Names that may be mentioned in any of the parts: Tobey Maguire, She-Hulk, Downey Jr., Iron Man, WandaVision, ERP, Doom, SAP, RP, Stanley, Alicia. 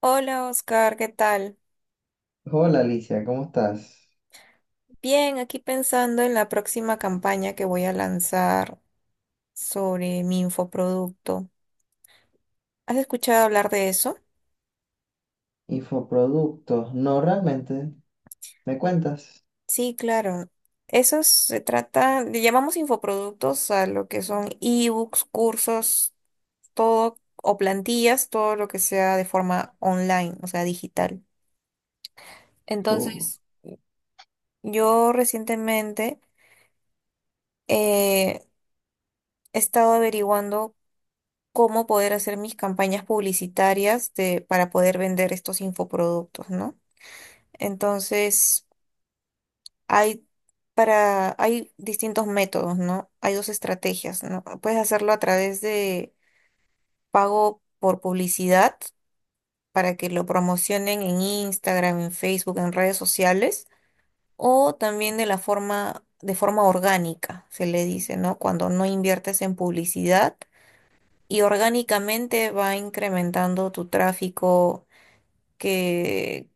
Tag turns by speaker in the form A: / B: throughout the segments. A: Hola Oscar, ¿qué tal?
B: Hola Alicia, ¿cómo estás?
A: Bien, aquí pensando en la próxima campaña que voy a lanzar sobre mi infoproducto. ¿Has escuchado hablar de eso?
B: Infoproductos. No, realmente, ¿me cuentas?
A: Sí, claro. Eso se trata, le llamamos infoproductos a lo que son ebooks, cursos, todo, o plantillas, todo lo que sea de forma online, o sea, digital.
B: O-
A: Entonces, yo recientemente eh, he estado averiguando cómo poder hacer mis campañas publicitarias de, para poder vender estos infoproductos, ¿no? Entonces, hay para, hay distintos métodos, ¿no? Hay dos estrategias, ¿no? Puedes hacerlo a través de pago por publicidad para que lo promocionen en Instagram, en Facebook, en redes sociales, o también de la forma, de forma orgánica, se le dice, ¿no? Cuando no inviertes en publicidad y orgánicamente va incrementando tu tráfico que,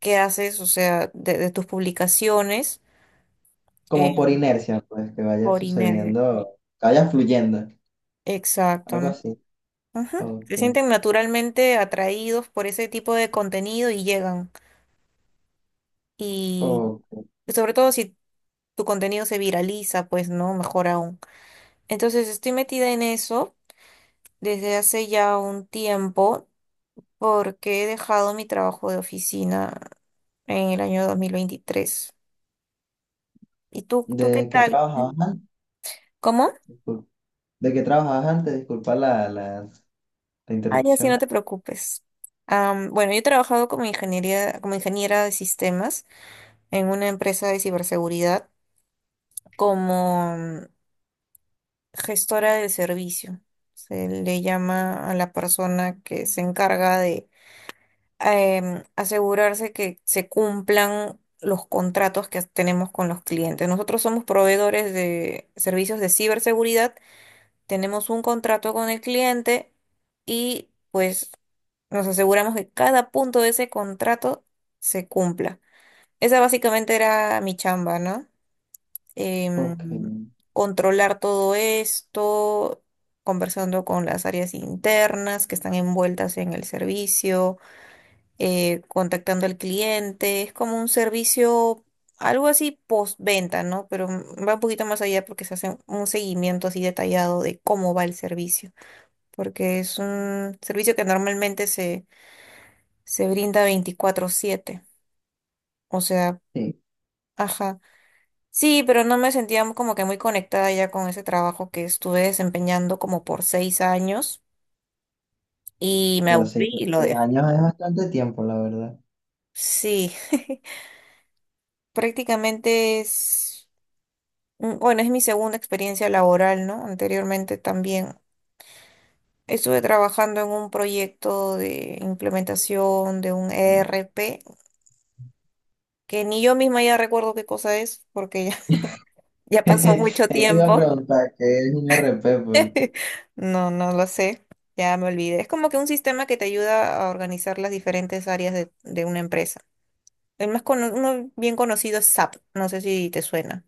A: que haces, o sea, de tus publicaciones
B: Como
A: eh,
B: por inercia, pues, que vaya
A: por inercia.
B: sucediendo, que vaya fluyendo,
A: Exacto,
B: algo
A: ¿no?
B: así.
A: Ujú. Se
B: Ok,
A: sienten naturalmente atraídos por ese tipo de contenido y llegan. Y
B: ok.
A: sobre todo si tu contenido se viraliza, pues no, mejor aún. Entonces estoy metida en eso desde hace ya un tiempo porque he dejado mi trabajo de oficina en el año 2023. ¿Y tú qué
B: ¿De qué
A: tal?
B: trabajabas antes?
A: ¿Cómo?
B: Discul- ¿De qué trabajabas antes? Disculpa la
A: Ay, así no
B: interrupción.
A: te preocupes. Bueno, yo he trabajado como ingeniería, como ingeniera de sistemas en una empresa de ciberseguridad como gestora del servicio. Se le llama a la persona que se encarga de asegurarse que se cumplan los contratos que tenemos con los clientes. Nosotros somos proveedores de servicios de ciberseguridad, tenemos un contrato con el cliente y pues nos aseguramos que cada punto de ese contrato se cumpla. Esa básicamente era mi chamba, ¿no?
B: Ok,
A: Em, controlar todo esto, conversando con las áreas internas que están envueltas en el servicio, contactando al cliente. Es como un servicio, algo así postventa, ¿no? Pero va un poquito más allá porque se hace un seguimiento así detallado de cómo va el servicio porque es un servicio que normalmente se, se brinda 24/7. O sea,
B: sí,
A: ajá. Sí, pero no me sentía como que muy conectada ya con ese trabajo que estuve desempeñando como por 6 años y me
B: como seis,
A: aburrí y lo
B: seis
A: dejé.
B: años es bastante tiempo, la verdad.
A: Sí, prácticamente es, mm, bueno, es mi segunda experiencia laboral, ¿no? Anteriormente también estuve trabajando en un proyecto de implementación de un
B: Mm.
A: ERP, que ni yo misma ya recuerdo qué cosa es, porque ya ya pasó mucho
B: Eso iba a
A: tiempo.
B: preguntar, ¿qué es un RP? Porque
A: No, no lo sé. Ya me olvidé. Es como que un sistema que te ayuda a organizar las diferentes áreas de una empresa. El más cono- uno bien conocido es SAP. No sé si te suena.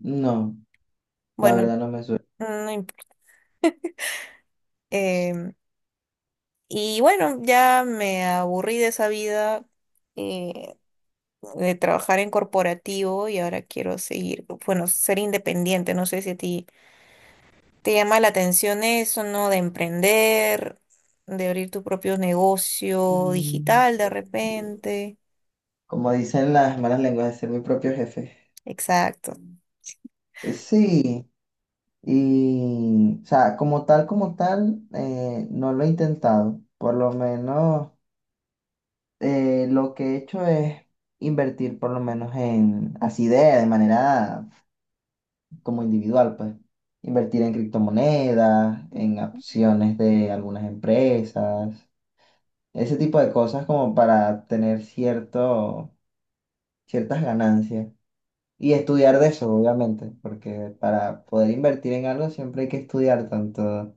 B: no, la
A: Bueno,
B: verdad no me suena.
A: no imp- em, y bueno, ya me aburrí de esa vida, eh, de trabajar en corporativo y ahora quiero seguir, bueno, ser independiente. No sé si a ti. ¿Te llama la atención eso, no? De emprender, de abrir tu propio negocio
B: Mm,
A: digital de repente.
B: como dicen las malas lenguas, de ser mi propio jefe.
A: Exacto.
B: Sí, y, o sea, como tal, no lo he intentado. Por lo menos, lo que he hecho es invertir, por lo menos en, así de manera como individual, pues, invertir en criptomonedas, en acciones de algunas empresas, ese tipo de cosas como para tener cierto, ciertas ganancias. Y estudiar de eso, obviamente, porque para poder invertir en algo siempre hay que estudiar tanto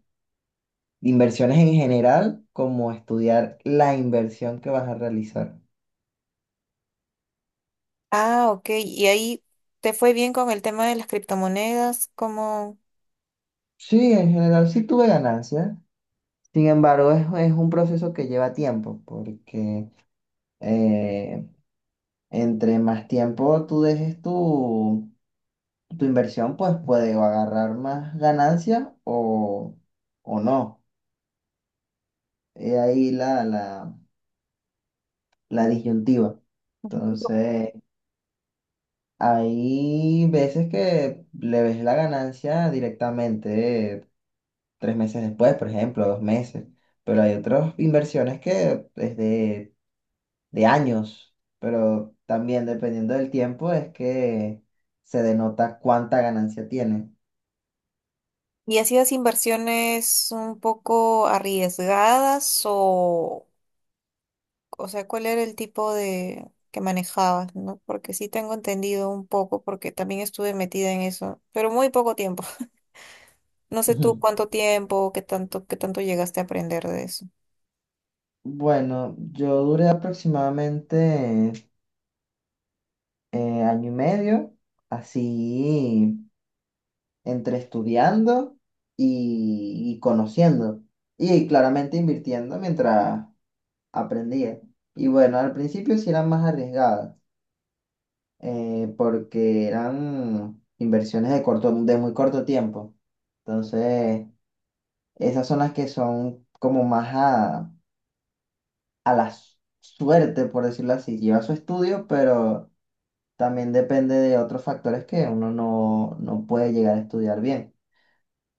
B: inversiones en general como estudiar la inversión que vas a realizar.
A: Ah, ok. ¿Y ahí te fue bien con el tema de las criptomonedas? ¿Cómo?
B: Sí, en general sí tuve ganancias. Sin embargo, es un proceso que lleva tiempo, porque eh, entre más tiempo tú dejes tu inversión, pues puede o agarrar más ganancias o no. Es ahí la disyuntiva.
A: Ujú.
B: Entonces, hay veces que le ves la ganancia directamente tres meses después, por ejemplo, dos meses, pero hay otras inversiones que es de años, pero también dependiendo del tiempo es que se denota cuánta ganancia tiene.
A: ¿Y hacías inversiones un poco arriesgadas o sea, cuál era el tipo de que manejabas, ¿no? Porque sí tengo entendido un poco, porque también estuve metida en eso, pero muy poco tiempo. No sé tú
B: Ujú.
A: cuánto tiempo, qué tanto llegaste a aprender de eso.
B: Bueno, yo duré aproximadamente año y medio, así entre estudiando y conociendo. Y claramente invirtiendo mientras aprendía. Y bueno, al principio sí eran más arriesgadas, porque eran inversiones de corto, de muy corto tiempo. Entonces, esas son las que son como más a suerte, por decirlo así. Lleva su estudio, pero también depende de otros factores que uno no, no puede llegar a estudiar bien.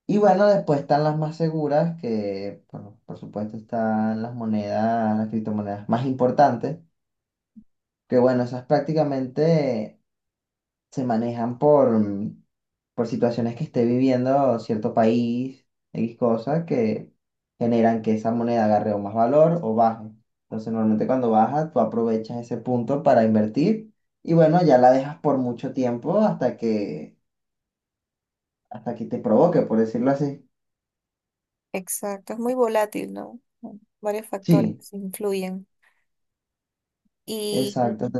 B: Y bueno, después están las más seguras, que bueno, por supuesto están las monedas, las criptomonedas más importantes, que bueno, esas prácticamente se manejan por, por situaciones que esté viviendo cierto país, X cosas, que generan que esa moneda agarre o más valor o baje. Entonces, normalmente cuando baja, tú aprovechas ese punto para invertir y bueno, ya la dejas por mucho tiempo hasta que te provoque, por decirlo así.
A: Exacto, es muy volátil, ¿no? Bueno, varios factores
B: Sí,
A: influyen.
B: exacto.
A: Y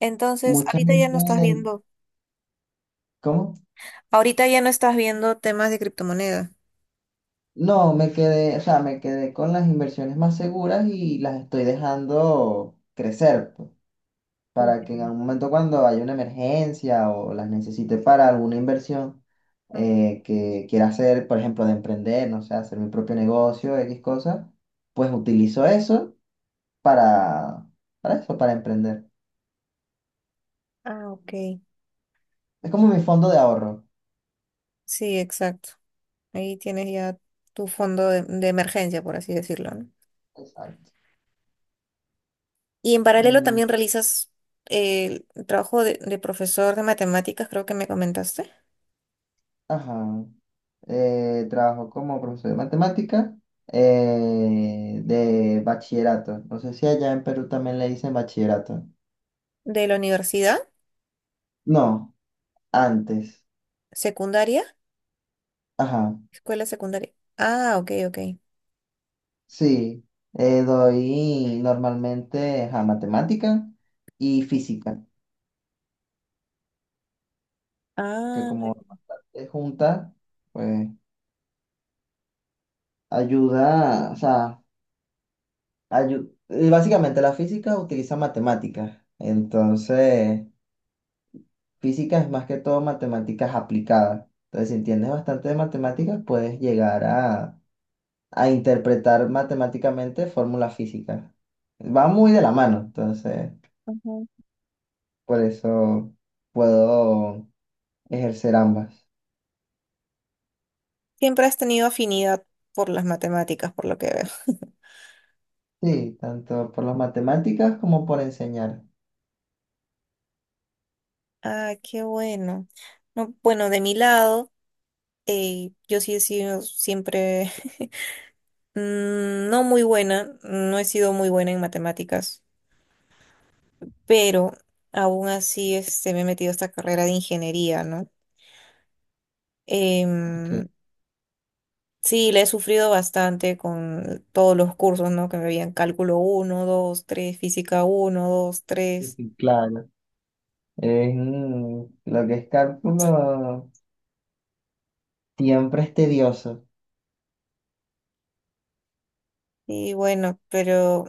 A: entonces,
B: Mucha
A: ahorita ya no
B: gente,
A: estás viendo,
B: ¿cómo?
A: ahorita ya no estás viendo temas de criptomoneda.
B: No, me quedé, o sea, me quedé con las inversiones más seguras y las estoy dejando crecer, pues, para que en
A: Mm.
B: algún momento cuando haya una emergencia o las necesite para alguna inversión
A: Mm.
B: que quiera hacer, por ejemplo, de emprender, no sé, hacer mi propio negocio, X cosas, pues utilizo eso para, para eso, para emprender.
A: Ah, ok.
B: Es como mi fondo de ahorro.
A: Sí, exacto. Ahí tienes ya tu fondo de emergencia, por así decirlo, ¿no?
B: Exacto.
A: Y en paralelo
B: Mm,
A: también realizas el trabajo de profesor de matemáticas, creo que me comentaste,
B: ajá. Trabajó como profesor de matemática de bachillerato. No sé si allá en Perú también le dicen bachillerato.
A: de la universidad,
B: No, antes.
A: secundaria.
B: Ajá,
A: Escuela secundaria. Ah, ok, ok.
B: sí. Doy normalmente ajá, matemática y física, que
A: Ah,
B: como es junta, pues ayuda, o sea, básicamente la física utiliza matemáticas. Entonces, física es más que todo matemáticas aplicadas. Entonces, si entiendes bastante de matemáticas, puedes llegar a interpretar matemáticamente fórmulas físicas. Va muy de la mano, entonces,
A: ujú.
B: por eso puedo ejercer ambas.
A: Siempre has tenido afinidad por las matemáticas, por lo que veo.
B: Sí, tanto por las matemáticas como por enseñar.
A: Ah, qué bueno. No, bueno, de mi lado, yo sí he sido siempre mm, no muy buena, no he sido muy buena en matemáticas, pero aún así este, me he metido a esta carrera de ingeniería, ¿no?
B: Porque
A: Em, sí, le he sufrido bastante con todos los cursos, ¿no? Que me habían cálculo uno, 2, 3, física uno, 2,
B: sí,
A: tres.
B: sí, claro. Es, lo que es cálculo siempre es tedioso.
A: Y bueno, pero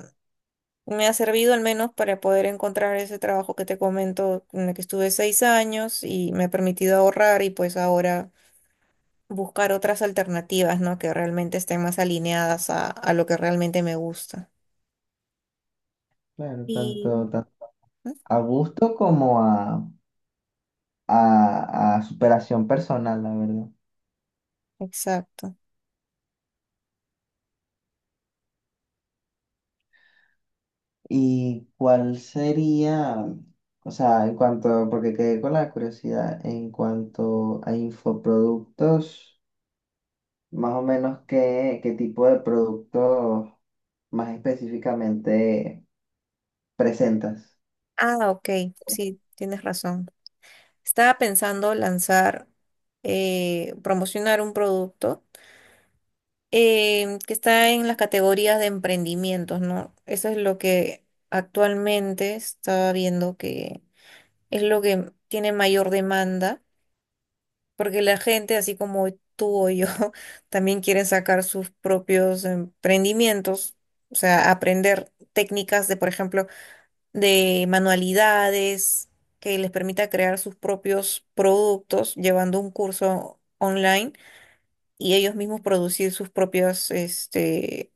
A: me ha servido al menos para poder encontrar ese trabajo que te comento, en el que estuve 6 años y me ha permitido ahorrar y pues ahora buscar otras alternativas, ¿no? Que realmente estén más alineadas a lo que realmente me gusta.
B: Claro,
A: Y,
B: tanto, tanto
A: ¿mm?
B: a gusto como a superación personal, la verdad.
A: Exacto.
B: ¿Y cuál sería, o sea, en cuanto, porque quedé con la curiosidad, en cuanto a infoproductos, más o menos qué, qué tipo de productos más específicamente presentas?
A: Ah, ok, sí, tienes razón. Estaba pensando lanzar, promocionar un producto que está en las categorías de emprendimientos, ¿no? Eso es lo que actualmente estaba viendo que es lo que tiene mayor demanda, porque la gente, así como tú o yo, también quieren sacar sus propios emprendimientos, o sea, aprender técnicas de, por ejemplo, de manualidades que les permita crear sus propios productos llevando un curso online y ellos mismos producir sus propias, este,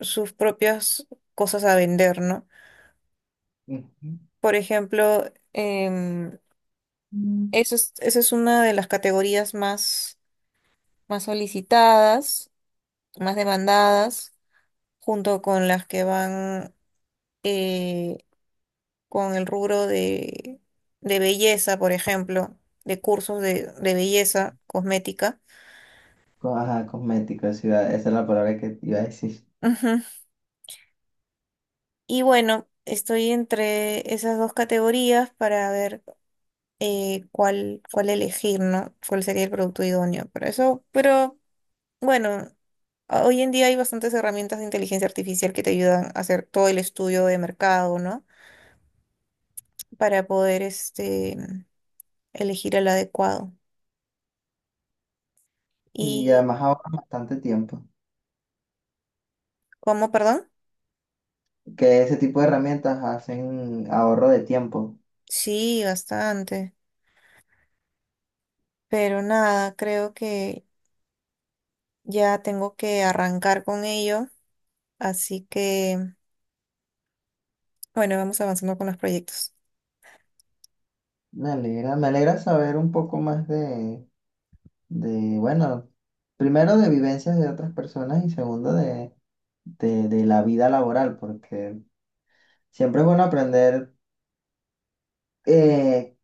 A: sus propias cosas a vender, ¿no?
B: Ujú.
A: Por ejemplo, em,
B: Mm.
A: eso es, esa es una de las categorías más, más solicitadas, más demandadas, junto con las que van... eh, con el rubro de belleza, por ejemplo, de cursos de belleza cosmética.
B: Ajá, cosméticos, sí, esa es la palabra que iba a decir.
A: Ujú. Y bueno, estoy entre esas dos categorías para ver cuál, cuál elegir, ¿no? Cuál sería el producto idóneo para eso. Pero bueno, a- hoy en día hay bastantes herramientas de inteligencia artificial que te ayudan a hacer todo el estudio de mercado, ¿no? Para poder este, elegir el adecuado.
B: Y
A: ¿Y
B: además ahorras bastante tiempo.
A: cómo, perdón?
B: Que ese tipo de herramientas hacen ahorro de tiempo.
A: Sí, bastante. Pero nada, creo que ya tengo que arrancar con ello, así que bueno, vamos avanzando con los proyectos.
B: Me alegra saber un poco más de, bueno, primero de vivencias de otras personas y segundo de la vida laboral, porque siempre es bueno aprender eh,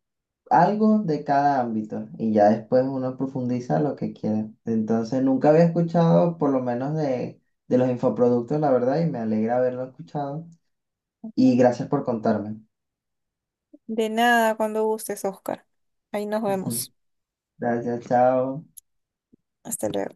B: algo de cada ámbito y ya después uno profundiza lo que quiere. Entonces, nunca había escuchado por lo menos de los infoproductos, la verdad, y me alegra haberlo escuchado. Y gracias por contarme.
A: De nada, cuando gustes, Oscar. Ahí nos
B: Ujú.
A: vemos.
B: Gracias, chao.
A: Hasta luego.